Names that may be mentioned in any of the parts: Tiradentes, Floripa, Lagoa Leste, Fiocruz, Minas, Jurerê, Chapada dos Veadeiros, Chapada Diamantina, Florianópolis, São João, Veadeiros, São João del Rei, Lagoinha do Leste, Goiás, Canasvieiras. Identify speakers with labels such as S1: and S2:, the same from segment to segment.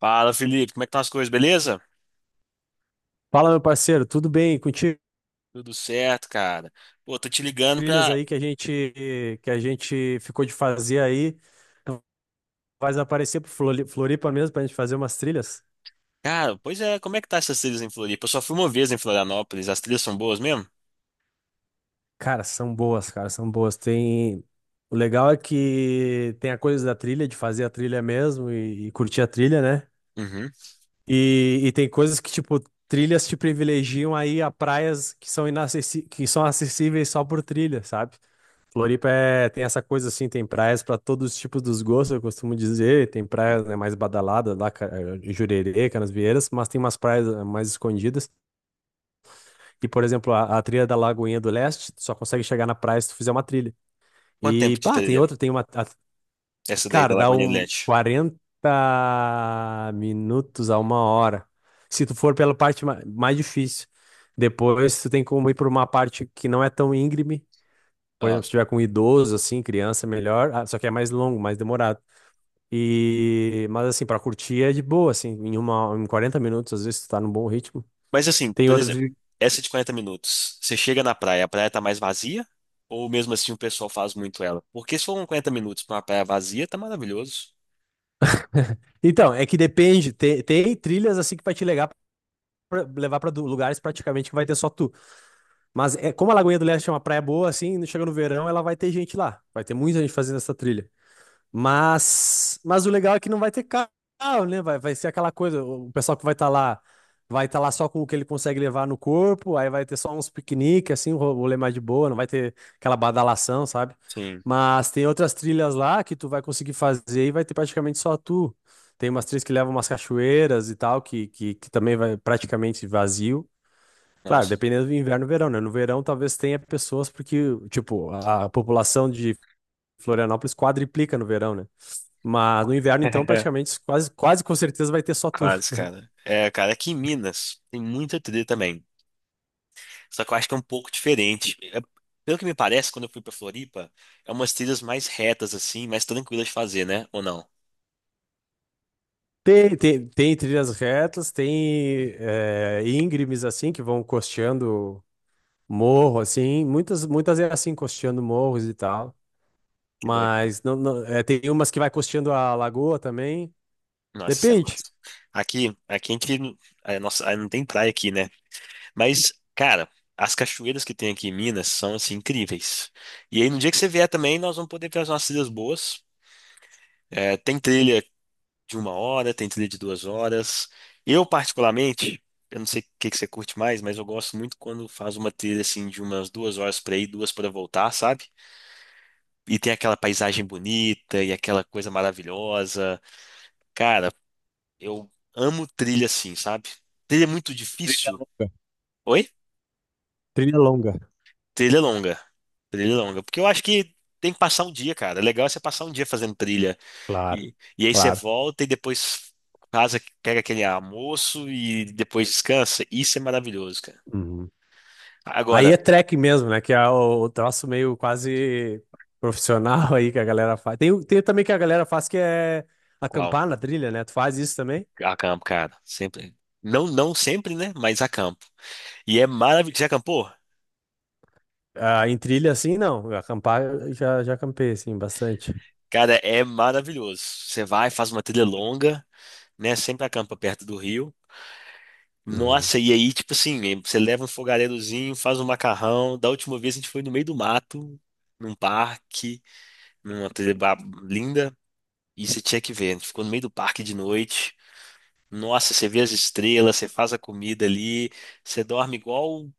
S1: Fala, Felipe, como é que estão as coisas, beleza?
S2: Fala, meu parceiro, tudo bem? Contigo,
S1: Tudo certo, cara. Pô, tô te ligando
S2: trilhas
S1: pra.
S2: aí que a gente ficou de fazer aí, vai aparecer pro Floripa mesmo pra gente fazer umas trilhas?
S1: Cara, pois é, como é que tá essas trilhas em Floripa? Eu só fui uma vez em Florianópolis, as trilhas são boas mesmo?
S2: Cara, são boas, cara, são boas. Tem o legal é que tem a coisa da trilha, de fazer a trilha mesmo e curtir a trilha, né?
S1: Uhum.
S2: E tem coisas que tipo trilhas te privilegiam aí a praias que são que são acessíveis só por trilha, sabe? Floripa é, tem essa coisa assim, tem praias para todos os tipos dos gostos, eu costumo dizer. Tem praias, né, mais badaladas lá, Jurerê, Canasvieiras, mas tem umas praias mais escondidas. E, por exemplo, a trilha da Lagoinha do Leste, tu só consegue chegar na praia se tu fizer uma trilha.
S1: Quanto
S2: E,
S1: tempo de
S2: pá, tem
S1: trilha?
S2: outra,
S1: Essa daí da
S2: cara, dá
S1: Lagoa
S2: um
S1: Leste.
S2: 40 minutos a uma hora. Se tu for pela parte mais difícil. Depois tu tem como ir por uma parte que não é tão íngreme, por exemplo,
S1: Ah.
S2: se tiver com idoso, assim, criança, é melhor. Ah, só que é mais longo, mais demorado. Mas, assim, pra curtir é de boa, assim. Em 40 minutos, às vezes, tu tá num bom ritmo.
S1: Mas assim,
S2: Tem
S1: por
S2: outras...
S1: exemplo, essa de 40 minutos, você chega na praia, a praia tá mais vazia? Ou mesmo assim o pessoal faz muito ela? Porque se for uns 40 minutos pra uma praia vazia, tá maravilhoso.
S2: Então, é que depende. Tem trilhas, assim, que vai te levar pra, lugares praticamente que vai ter só tu. Mas é... como a Lagoinha do Leste é uma praia boa, assim, chega no verão, ela vai ter gente lá. Vai ter muita gente fazendo essa trilha. Mas o legal é que não vai ter carro, né? Vai, vai ser aquela coisa, o pessoal que vai estar lá só com o que ele consegue levar no corpo, aí vai ter só uns piqueniques, assim, um rolê mais de boa, não vai ter aquela badalação, sabe?
S1: Sim.
S2: Mas tem outras trilhas lá que tu vai conseguir fazer e vai ter praticamente só tu. Tem umas trilhas que levam umas cachoeiras e tal, que também vai praticamente vazio. Claro,
S1: Nossa.
S2: dependendo do inverno e verão, né? No verão talvez tenha pessoas, porque, tipo, a população de Florianópolis quadriplica no verão, né? Mas no inverno, então, praticamente quase, quase com certeza vai ter só tu.
S1: Quase, cara. É, cara, aqui em Minas tem muita trilha também. Só que eu acho que é um pouco diferente. Pelo que me parece, quando eu fui pra Floripa, é umas trilhas mais retas, assim, mais tranquilas de fazer, né? Ou não?
S2: Tem trilhas retas, tem é, íngremes assim que vão costeando morro, assim. Muitas, muitas é assim, costeando morros e tal.
S1: Que doido.
S2: Mas é, tem umas que vai costeando a lagoa também.
S1: Nossa, isso é
S2: Depende.
S1: massa. Aqui a gente, é, nossa, não tem praia aqui, né? Mas, cara, as cachoeiras que tem aqui em Minas são, assim, incríveis. E aí, no dia que você vier também, nós vamos poder fazer umas trilhas boas. É, tem trilha de 1 hora, tem trilha de 2 horas. Eu, particularmente, eu não sei o que que você curte mais, mas eu gosto muito quando faz uma trilha assim de umas 2 horas para ir, duas para voltar, sabe? E tem aquela paisagem bonita e aquela coisa maravilhosa. Cara, eu amo trilha assim, sabe? Trilha é muito
S2: Trilha
S1: difícil.
S2: longa.
S1: Oi?
S2: Trilha longa.
S1: Trilha é longa. Trilha é longa. Porque eu acho que tem que passar um dia, cara. É legal é você passar um dia fazendo trilha.
S2: Claro,
S1: E aí você
S2: claro.
S1: volta e depois casa, pega aquele almoço e depois descansa. Isso é maravilhoso, cara.
S2: Uhum. Aí
S1: Agora,
S2: é track mesmo, né? Que é o troço meio quase profissional aí que a galera faz. Tem também que a galera faz que é
S1: qual?
S2: acampar na trilha, né? Tu faz isso também?
S1: Acampo, cara. Sempre. Não, não sempre, né? Mas acampo. E é maravilhoso. Já acampou?
S2: Ah, em trilha, assim, não. Acampar, eu já acampei, assim, bastante.
S1: Cara, é maravilhoso. Você vai, faz uma trilha longa, né? Sempre acampa perto do rio.
S2: Uhum.
S1: Nossa, e aí, tipo assim, você leva um fogareirozinho, faz um macarrão. Da última vez a gente foi no meio do mato, num parque, numa trilha linda. E você tinha que ver, a gente ficou no meio do parque de noite. Nossa, você vê as estrelas, você faz a comida ali, você dorme igual.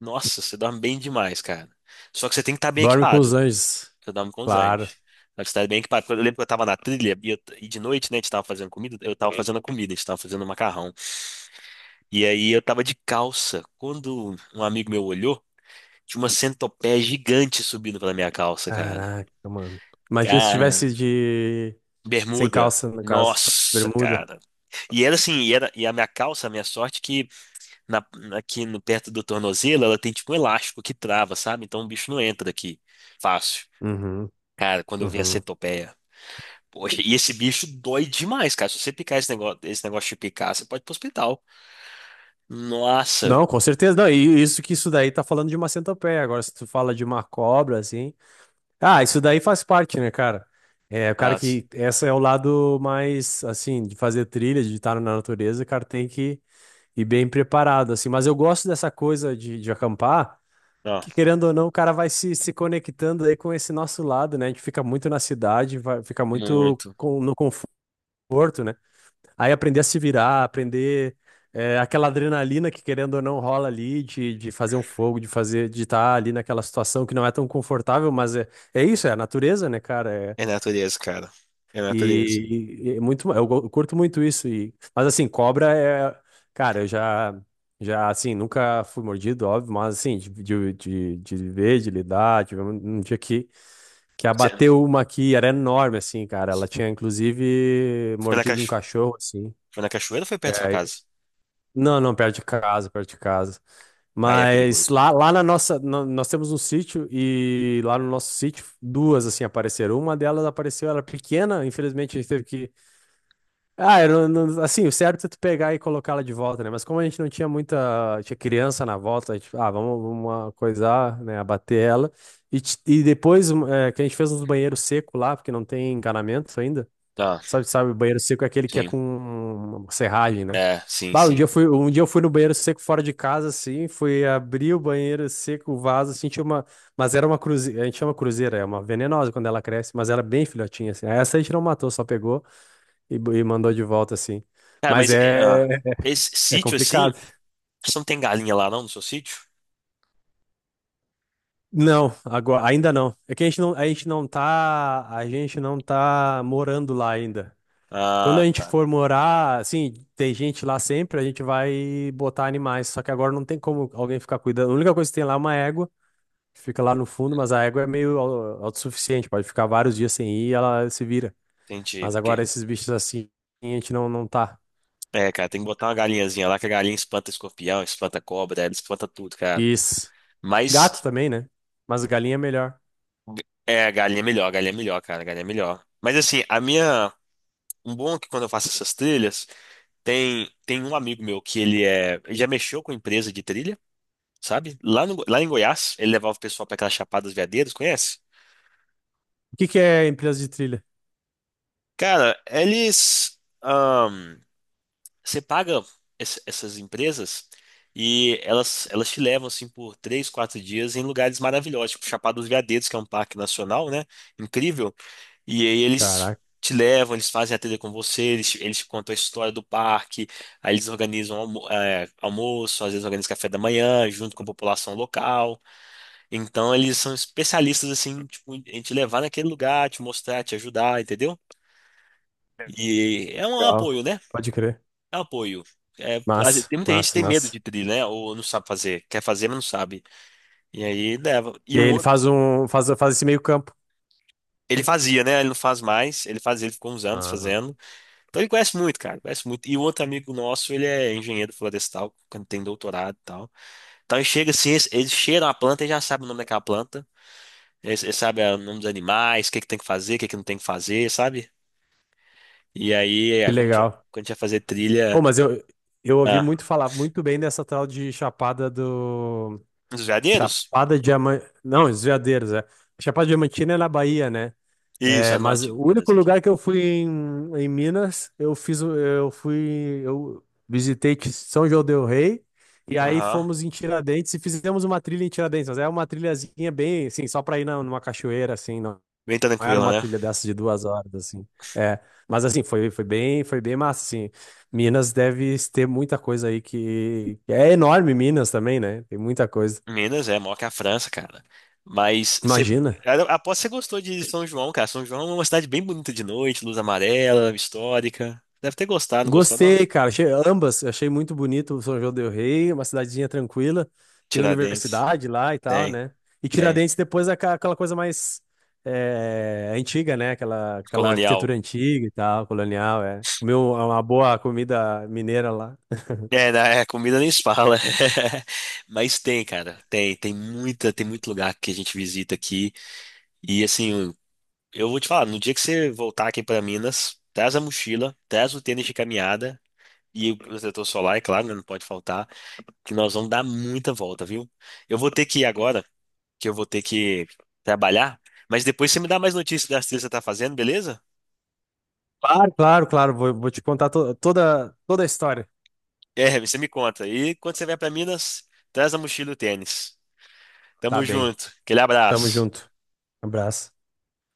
S1: Nossa, você dorme bem demais, cara. Só que você tem que estar bem
S2: Dorme com os
S1: equipado.
S2: anjos.
S1: Eu dorme com os
S2: Claro.
S1: anjos. Só que você tá bem equipado. Porque eu lembro que eu tava na trilha e de noite, né, a gente tava fazendo comida. Eu tava fazendo a comida, a gente tava fazendo macarrão. E aí eu tava de calça. Quando um amigo meu olhou, tinha uma centopeia gigante subindo pela minha calça, cara.
S2: Caraca, mano. Imagina se
S1: Cara,
S2: tivesse de... Sem
S1: bermuda.
S2: calça, no caso.
S1: Nossa,
S2: Bermuda.
S1: cara. E era assim, e a minha calça, a minha sorte, é que na, aqui no, perto do tornozelo, ela tem tipo um elástico que trava, sabe? Então o bicho não entra aqui. Fácil.
S2: Uhum,
S1: Cara, quando eu vi a
S2: uhum.
S1: centopeia. Poxa, e esse bicho dói demais, cara. Se você picar esse negócio de picar, você pode ir pro hospital. Nossa,
S2: Não, com certeza não. E isso que isso daí tá falando de uma centopeia. Agora, se tu fala de uma cobra, assim... Ah, isso daí faz parte, né, cara? É, o cara
S1: fácil.
S2: que. Essa é o lado mais, assim, de fazer trilha, de estar na natureza, o cara tem que ir bem preparado, assim. Mas eu gosto dessa coisa de acampar,
S1: Ó,
S2: que querendo ou não, o cara vai se conectando aí com esse nosso lado, né? A gente fica muito na cidade, vai, fica muito
S1: muito.
S2: no conforto, né? Aí aprender a se virar, aprender é, aquela adrenalina que querendo ou não rola ali de fazer um fogo, de fazer, de estar ali naquela situação que não é tão confortável, mas é, é isso, é a natureza, né, cara? É,
S1: É natureza, cara. É
S2: e,
S1: natureza.
S2: e é muito, eu curto muito isso. E, mas assim, cobra é, cara, eu já assim, nunca fui mordido, óbvio, mas assim, de ver, de lidar, tive um, um dia que
S1: Você-
S2: abateu uma aqui, era enorme, assim, cara. Ela tinha, inclusive,
S1: Foi na,
S2: mordido um
S1: cacho...
S2: cachorro, assim.
S1: foi na cachoeira ou foi perto da sua
S2: É,
S1: casa?
S2: Não, não, perto de casa, perto de casa.
S1: Aí é
S2: Mas
S1: perigoso.
S2: lá, lá na nossa, nós temos um sítio e lá no nosso sítio duas assim apareceram. Uma delas apareceu, ela era pequena, infelizmente a gente teve que, ah, eu assim, o certo é tu pegar e colocar ela de volta, né? Mas como a gente não tinha muita, tinha criança na volta, a gente, ah, vamos, vamos coisar, né, abater ela. E, e depois que a gente fez uns banheiros secos lá, porque não tem encanamento ainda.
S1: Ah,
S2: Sabe, o banheiro seco é aquele que é
S1: sim.
S2: com serragem, né?
S1: É, sim,
S2: Bah,
S1: sim.
S2: um dia eu fui no banheiro seco fora de casa, assim, fui abrir o banheiro seco, o vaso, assim, tinha uma. Mas era uma cruzeira, a gente chama cruzeira, é uma venenosa quando ela cresce, mas era bem filhotinha, assim. Aí essa a gente não matou, só pegou e mandou de volta, assim.
S1: Cara,
S2: Mas
S1: mas é,
S2: é,
S1: ah, esse
S2: é
S1: sítio assim.
S2: complicado.
S1: Você não tem galinha lá não no seu sítio?
S2: Não, agora, ainda não. É que a gente não tá morando lá ainda. Quando
S1: Ah,
S2: a gente
S1: tá.
S2: for morar, assim, tem gente lá sempre, a gente vai botar animais. Só que agora não tem como alguém ficar cuidando. A única coisa que tem lá é uma égua, que fica lá no fundo, mas a égua é meio autossuficiente, pode ficar vários dias sem ir e ela se vira.
S1: Entendi.
S2: Mas
S1: Porque,
S2: agora esses bichos assim, a gente não tá.
S1: é, cara, tem que botar uma galinhazinha lá, que a galinha espanta escorpião, espanta cobra, ela espanta tudo, cara.
S2: Isso.
S1: Mas
S2: Gato também, né? Mas galinha é melhor.
S1: é, a galinha é melhor, a galinha é melhor, cara, a galinha é melhor. Mas assim, a minha. Um bom é que quando eu faço essas trilhas, tem um amigo meu que ele é. Ele já mexeu com empresa de trilha, sabe? Lá, no, lá em Goiás, ele levava o pessoal pra aquelas Chapadas Veadeiras, conhece?
S2: O que que é empresa de trilha?
S1: Cara, eles. Você paga essas empresas e elas te levam assim por 3, 4 dias em lugares maravilhosos, tipo Chapada dos Veadeiros, que é um parque nacional, né? Incrível. E aí eles
S2: Caraca,
S1: te levam, eles fazem a trilha com você, eles, eles te contam a história do parque, aí eles organizam é, almoço, às vezes organizam café da manhã, junto com a população local. Então eles são especialistas assim, tipo, em te levar naquele lugar, te mostrar, te ajudar, entendeu? E é um
S2: legal.
S1: apoio, né?
S2: Pode crer.
S1: Eu apoio. É, às vezes
S2: Massa,
S1: tem muita gente que
S2: massa,
S1: tem medo
S2: massa.
S1: de tri, né? Ou não sabe fazer. Quer fazer, mas não sabe. E aí leva.
S2: E
S1: E
S2: aí
S1: um
S2: ele
S1: outro.
S2: faz um, faz, faz esse meio campo.
S1: Ele fazia, né? Ele não faz mais. Ele fazia, ele ficou uns anos
S2: Ah,
S1: fazendo. Então ele conhece muito, cara. Conhece muito. E o outro amigo nosso, ele é engenheiro florestal, quando tem doutorado e tal. Então ele chega assim, eles cheiram a planta e já sabe o nome daquela planta. Eles sabem ah, o nome dos animais, o que que tem que fazer, o que que não tem que fazer, sabe? E aí,
S2: que
S1: é, quando a gente,
S2: legal.
S1: quando a gente ia fazer
S2: Oh,
S1: trilha.
S2: mas eu ouvi
S1: Ah,
S2: muito falar muito bem dessa tal de Chapada do.
S1: nos veadeiros?
S2: Chapada Diamantina. Não, Veadeiros, é. Chapada Diamantina é na Bahia, né?
S1: Isso,
S2: É,
S1: a
S2: mas
S1: norte
S2: o
S1: de
S2: único
S1: Minas aqui.
S2: lugar que eu fui em, em Minas, eu fiz. Eu fui. Eu visitei São João del Rei. E aí
S1: Aham.
S2: fomos em Tiradentes e fizemos uma trilha em Tiradentes, mas é uma trilhazinha bem, assim, só para ir numa cachoeira, assim, não,
S1: Bem
S2: não era
S1: tranquila,
S2: uma
S1: né?
S2: trilha dessas de 2 horas, assim. É, mas assim, foi, foi bem massa, assim. Minas deve ter muita coisa aí que... É enorme Minas também, né? Tem muita coisa.
S1: Minas é maior que a França, cara. Mas você,
S2: Imagina.
S1: eu aposto que você gostou de São João, cara. São João é uma cidade bem bonita de noite, luz amarela, histórica. Deve ter gostado, não gostou, não?
S2: Gostei, cara. Achei ambas. Achei muito bonito o São João del Rei, uma cidadezinha tranquila. Tem
S1: Tiradentes.
S2: universidade lá e tal,
S1: Tem,
S2: né? E
S1: tem.
S2: Tiradentes depois é aquela coisa mais é, antiga, né? Aquela, aquela
S1: Colonial.
S2: arquitetura antiga e tal, colonial, é. Comeu uma boa comida mineira lá.
S1: É, na é, comida nem se fala. Mas tem, cara. Tem muita, tem muito lugar que a gente visita aqui. E assim, eu vou te falar, no dia que você voltar aqui para Minas, traz a mochila, traz o tênis de caminhada e o protetor solar, é claro, né, não pode faltar. Que nós vamos dar muita volta, viu? Eu vou ter que ir agora, que eu vou ter que trabalhar, mas depois você me dá mais notícias das trilhas que você tá fazendo, beleza?
S2: Claro, claro, claro. Vou, vou te contar toda, toda a história.
S1: É, você me conta. E quando você vier para Minas, traz a mochila e o tênis.
S2: Tá
S1: Tamo
S2: bem.
S1: junto. Aquele
S2: Tamo
S1: abraço.
S2: junto. Abraço.